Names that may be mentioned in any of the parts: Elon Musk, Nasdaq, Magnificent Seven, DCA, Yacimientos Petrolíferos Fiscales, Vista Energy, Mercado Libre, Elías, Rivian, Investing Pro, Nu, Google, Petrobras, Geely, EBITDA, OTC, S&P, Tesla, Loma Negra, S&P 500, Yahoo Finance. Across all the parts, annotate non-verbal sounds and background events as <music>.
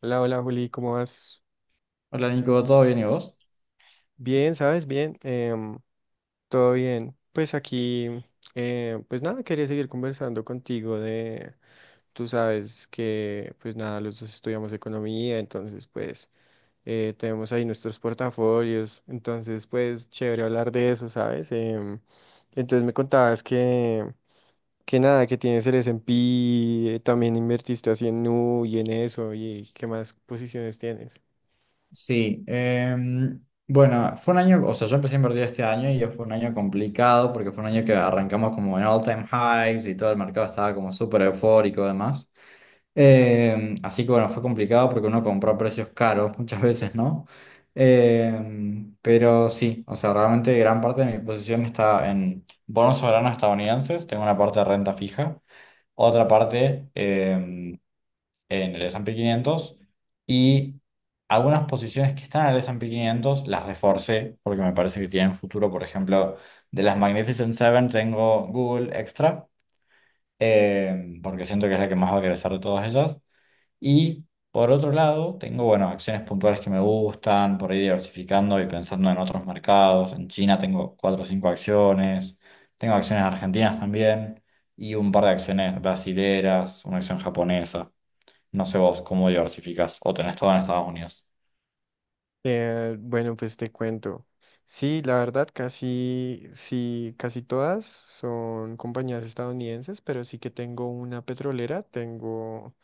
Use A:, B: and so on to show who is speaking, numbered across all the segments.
A: Hola, hola Juli, ¿cómo vas?
B: Hola Nico, ¿todo bien y vos?
A: Bien, ¿sabes? Bien, todo bien. Pues aquí, pues nada, quería seguir conversando contigo de, tú sabes que, pues nada, los dos estudiamos economía, entonces pues tenemos ahí nuestros portafolios, entonces pues chévere hablar de eso, ¿sabes? Entonces me contabas que nada, que tienes el S&P, también invertiste así en Nu y en eso, y qué más posiciones tienes.
B: Sí, bueno, fue un año, o sea, yo empecé a invertir este año y fue un año complicado porque fue un año que arrancamos como en all time highs y todo el mercado estaba como súper eufórico además. Así que bueno, fue complicado porque uno compró a precios caros muchas <laughs> veces, ¿no? Pero sí, o sea, realmente gran parte de mi posición está en bonos soberanos estadounidenses, tengo una parte de renta fija, otra parte en el S&P 500 y algunas posiciones que están en el S&P quinientos las reforcé porque me parece que tienen futuro. Por ejemplo, de las Magnificent Seven tengo Google Extra porque siento que es la que más va a crecer de todas ellas. Y por otro lado, tengo, bueno, acciones puntuales que me gustan, por ahí diversificando y pensando en otros mercados. En China tengo cuatro o cinco acciones, tengo acciones argentinas también. Y un par de acciones brasileras, una acción japonesa. No sé vos cómo diversificás o tenés todo en Estados Unidos.
A: Bueno, pues te cuento. Sí, la verdad, casi, sí, casi todas son compañías estadounidenses, pero sí que tengo una petrolera, tengo,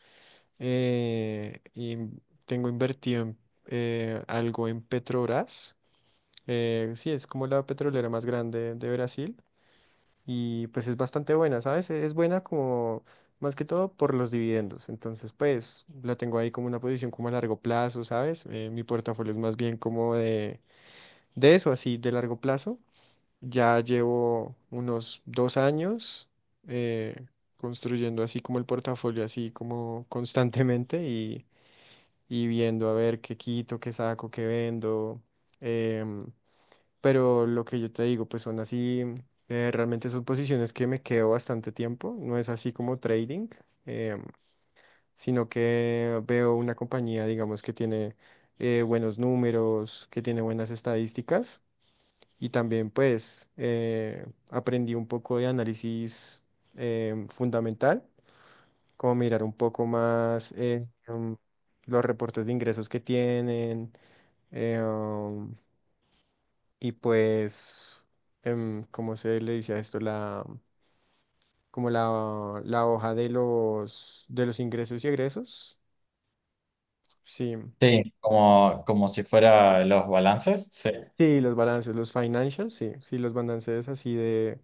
A: tengo invertido en, algo en Petrobras. Sí, es como la petrolera más grande de Brasil y pues es bastante buena, ¿sabes? Es buena como más que todo por los dividendos. Entonces, pues la tengo ahí como una posición como a largo plazo, ¿sabes? Mi portafolio es más bien como de eso, así de largo plazo, ya llevo unos dos años eh, construyendo así como el portafolio, así como constantemente y viendo a ver qué quito, qué saco, qué vendo. em, pero lo que yo te digo, pues son así, realmente son posiciones que me quedo bastante tiempo, no es así como trading, em, sino que veo una compañía, digamos, que tiene buenos números, que tiene buenas estadísticas y también pues aprendí un poco de análisis fundamental, como mirar un poco más los reportes de ingresos que tienen eh, um, y pues, ¿cómo se le dice a esto? Como la hoja de de los ingresos y egresos. Sí,
B: Sí, como, como si fuera los balances. Sí,
A: sí, los balances, los financials, sí, sí, los balances así de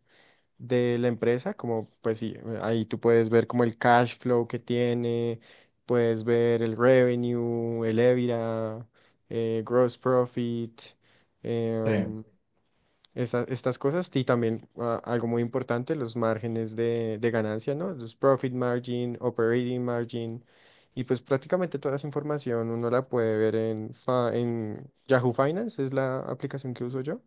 A: de la empresa, como pues sí, ahí tú puedes ver como el cash flow que tiene, puedes ver el revenue, el EBITDA, gross profit,
B: sí.
A: em, estas cosas y también ah, algo muy importante, los márgenes de ganancia, ¿no? Los profit margin, operating margin y pues prácticamente toda esa información uno la puede ver en Yahoo Finance, es la aplicación que uso yo.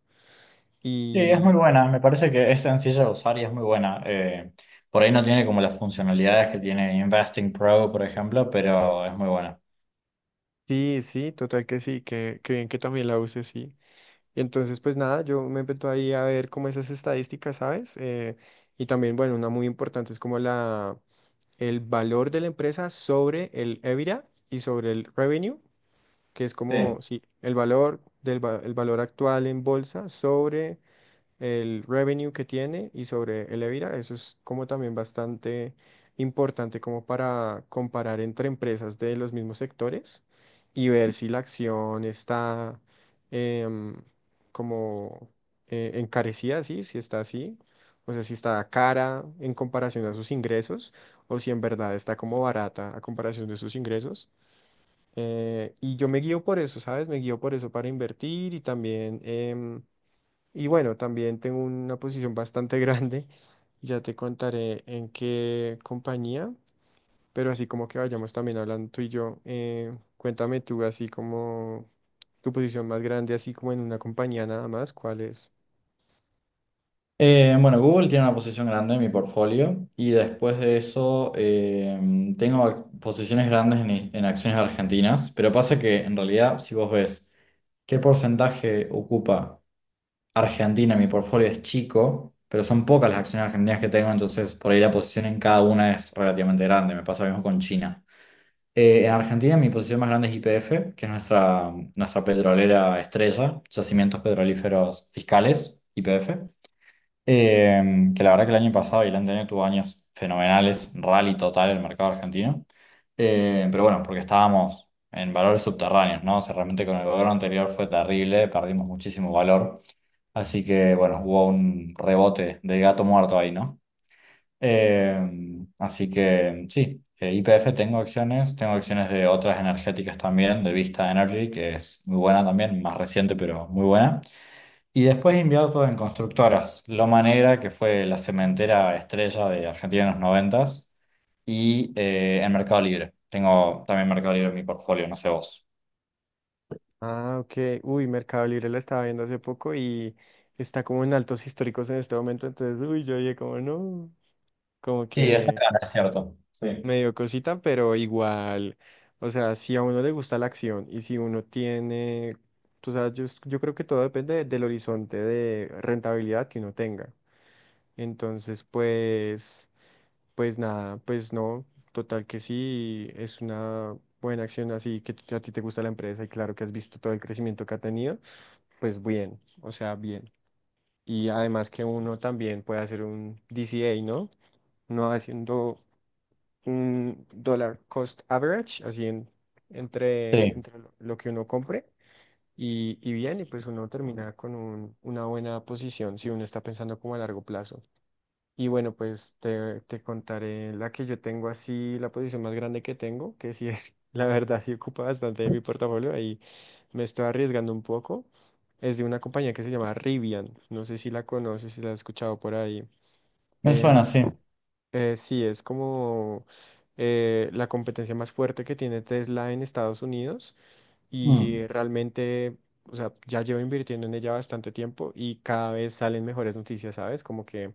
B: Sí, es muy buena. Me parece que es sencilla de usar y es muy buena. Por ahí no tiene como las funcionalidades que tiene Investing Pro, por ejemplo, pero es muy buena.
A: Sí, sí, total que sí, que bien que también la use, sí. Y entonces, pues nada, yo me meto ahí a ver como esas estadísticas, ¿sabes? Y también, bueno, una muy importante es como el valor de la empresa sobre el EBITDA y sobre el revenue, que es como,
B: Sí.
A: sí, el valor el valor actual en bolsa sobre el revenue que tiene y sobre el EBITDA. Eso es como también bastante importante como para comparar entre empresas de los mismos sectores y ver si la acción está em, como encarecida, ¿sí? Si está así, o sea, si está cara en comparación a sus ingresos o si en verdad está como barata a comparación de sus ingresos. Y yo me guío por eso, ¿sabes? Me guío por eso para invertir y también... y bueno, también tengo una posición bastante <laughs> grande. Ya te contaré en qué compañía, pero así como que vayamos también hablando tú y yo, cuéntame tú así como tu posición más grande, así como en una compañía nada más, ¿cuál es?
B: Bueno, Google tiene una posición grande en mi portfolio y después de eso tengo posiciones grandes en, en acciones argentinas, pero pasa que en realidad si vos ves qué porcentaje ocupa Argentina, mi portfolio es chico, pero son pocas las acciones argentinas que tengo, entonces por ahí la posición en cada una es relativamente grande. Me pasa lo mismo con China. En Argentina mi posición más grande es YPF, que es nuestra petrolera estrella, Yacimientos Petrolíferos Fiscales, YPF, eh, que la verdad que el año pasado y el anterior tuvo años fenomenales, rally total el mercado argentino. Pero bueno, porque estábamos en valores subterráneos, ¿no? O sea, realmente con el gobierno anterior fue terrible, perdimos muchísimo valor. Así que bueno, hubo un rebote de gato muerto ahí, ¿no? Eh, Así que sí, IPF tengo acciones de otras energéticas también, de Vista Energy, que es muy buena también, más reciente, pero muy buena. Y después invierto en constructoras, Loma Negra, que fue la cementera estrella de Argentina en los 90, y en Mercado Libre. Tengo también Mercado Libre en mi portfolio, no sé vos.
A: Ah, ok. Uy, Mercado Libre la estaba viendo hace poco y está como en altos históricos en este momento, entonces, uy, yo dije como no, como
B: Sí, está
A: que
B: acá, es cierto. Sí.
A: me dio cosita, pero igual, o sea, si a uno le gusta la acción y si uno tiene, tú sabes, yo creo que todo depende del horizonte de rentabilidad que uno tenga. Entonces, pues, pues nada, pues no, total que sí, es una buena acción así que a ti te gusta la empresa y claro que has visto todo el crecimiento que ha tenido, pues bien, o sea, bien. Y además que uno también puede hacer un DCA, ¿no? No haciendo un dólar cost average, así en, entre,
B: Sí,
A: entre lo que uno compre y bien, y pues uno termina con una buena posición si uno está pensando como a largo plazo. Y bueno, pues te contaré la que yo tengo así, la posición más grande que tengo, que sí, <laughs> la verdad sí ocupa bastante de mi portafolio, ahí me estoy arriesgando un poco. Es de una compañía que se llama Rivian, no sé si la conoces, si la has escuchado por ahí.
B: me suena,
A: Em,
B: sí.
A: sí, es como la competencia más fuerte que tiene Tesla en Estados Unidos y
B: Mm,
A: realmente, o sea, ya llevo invirtiendo en ella bastante tiempo y cada vez salen mejores noticias, ¿sabes? Como que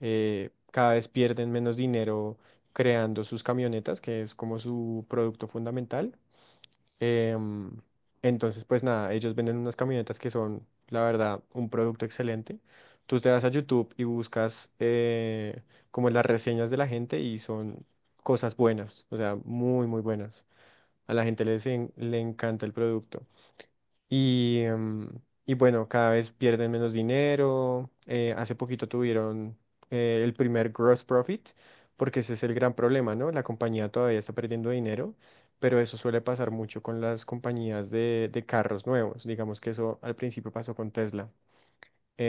A: cada vez pierden menos dinero creando sus camionetas, que es como su producto fundamental. Em, entonces, pues nada, ellos venden unas camionetas que son, la verdad, un producto excelente. Tú te vas a YouTube y buscas como las reseñas de la gente y son cosas buenas, o sea, muy, muy buenas. A la gente le encanta el producto. Y, em, y bueno, cada vez pierden menos dinero. Hace poquito tuvieron el primer gross profit, porque ese es el gran problema, ¿no? La compañía todavía está perdiendo dinero, pero eso suele pasar mucho con las compañías de carros nuevos. Digamos que eso al principio pasó con Tesla.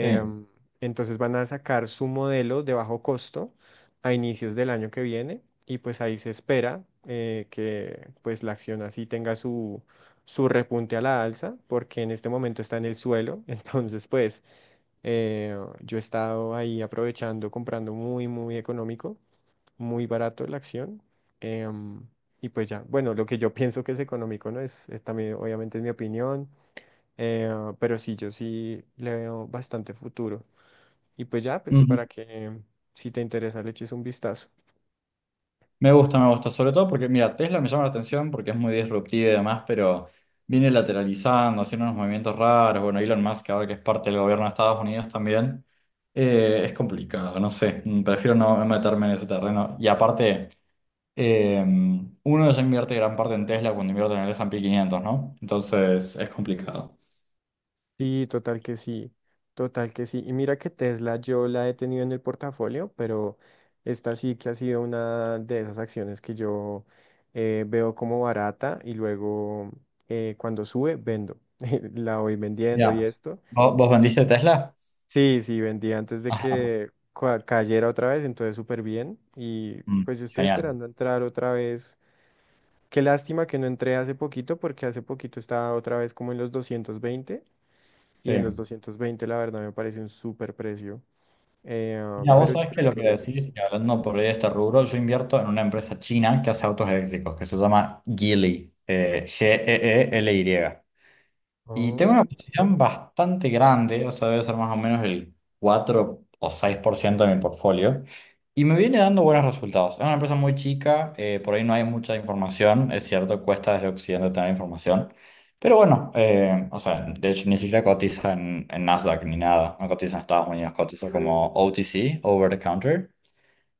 B: sí.
A: entonces van a sacar su modelo de bajo costo a inicios del año que viene y pues ahí se espera que pues la acción así tenga su repunte a la alza porque en este momento está en el suelo. <laughs> Entonces pues yo he estado ahí aprovechando, comprando muy, muy económico, muy barato la acción. em, y pues ya, bueno, lo que yo pienso que es económico, ¿no? Es también obviamente es mi opinión. Eh, pero sí, yo sí le veo bastante futuro. Y pues ya, pues
B: Ujú.
A: para que mm, si te interesa le eches un vistazo.
B: Me gusta, sobre todo porque, mira, Tesla me llama la atención porque es muy disruptiva y demás, pero viene lateralizando, haciendo unos movimientos raros. Bueno, Elon Musk, ahora que es parte del gobierno de Estados Unidos también, es complicado, no sé, mm, prefiero no no meterme en ese terreno. Y aparte, eh, uno ya invierte gran parte en Tesla cuando invierte en el S&P 500, ¿no? Entonces es complicado.
A: Sí, total que sí, total que sí. Y mira que Tesla yo la he tenido en el portafolio, pero esta sí que ha sido una de esas acciones que yo veo como barata y luego cuando sube vendo. <laughs> La voy vendiendo y
B: Ya,
A: esto.
B: ¿Vos vendiste Tesla?
A: Sí, sí, vendí antes de
B: Ajá,
A: que cayera otra vez, entonces súper bien. Y
B: mm,
A: pues yo estoy
B: genial,
A: esperando entrar otra vez. Qué lástima que no entré hace poquito, porque hace poquito estaba otra vez como en los 220.
B: sí.
A: Y en los 220, la verdad, me parece un súper precio.
B: Mira, vos
A: Pero yo
B: sabés que
A: creo
B: lo que
A: que.
B: decís, y hablando por ahí de este rubro, yo invierto en una empresa china que hace autos eléctricos, que se llama Geely, Geely. Y tengo una
A: Oh,
B: posición bastante grande, o sea, debe ser más o menos el 4 o 6% de mi portfolio. Y me viene dando buenos resultados. Es una empresa muy chica, por ahí no hay mucha información, es cierto, cuesta desde Occidente tener información. Pero bueno, o sea, de hecho ni siquiera cotiza en, Nasdaq ni nada, no cotiza en Estados Unidos, cotiza como OTC, Over the Counter.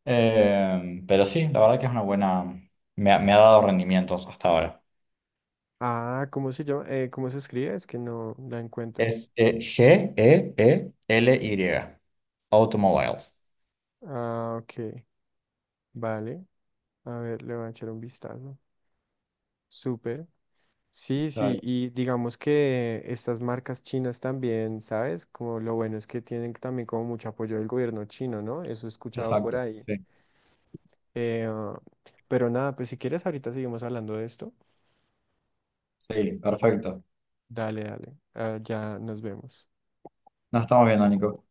B: Pero sí, la verdad que es una buena, me ha dado rendimientos hasta ahora.
A: ah, ¿cómo se llama? ¿Cómo se escribe? Es que no la encuentro.
B: Es Geely. Automobiles.
A: Ah, ok. Vale. A ver, le voy a echar un vistazo. Súper. Sí, sí,
B: Dale,
A: y digamos que estas marcas chinas también, ¿sabes? Como lo bueno es que tienen también como mucho apoyo del gobierno chino, ¿no? Eso he escuchado por
B: exacto.
A: ahí.
B: Sí,
A: Eh, ah, pero nada, pues si quieres ahorita seguimos hablando de esto.
B: sí, perfecto.
A: Dale, dale. Ya nos vemos.
B: Nos estamos viendo, Nico.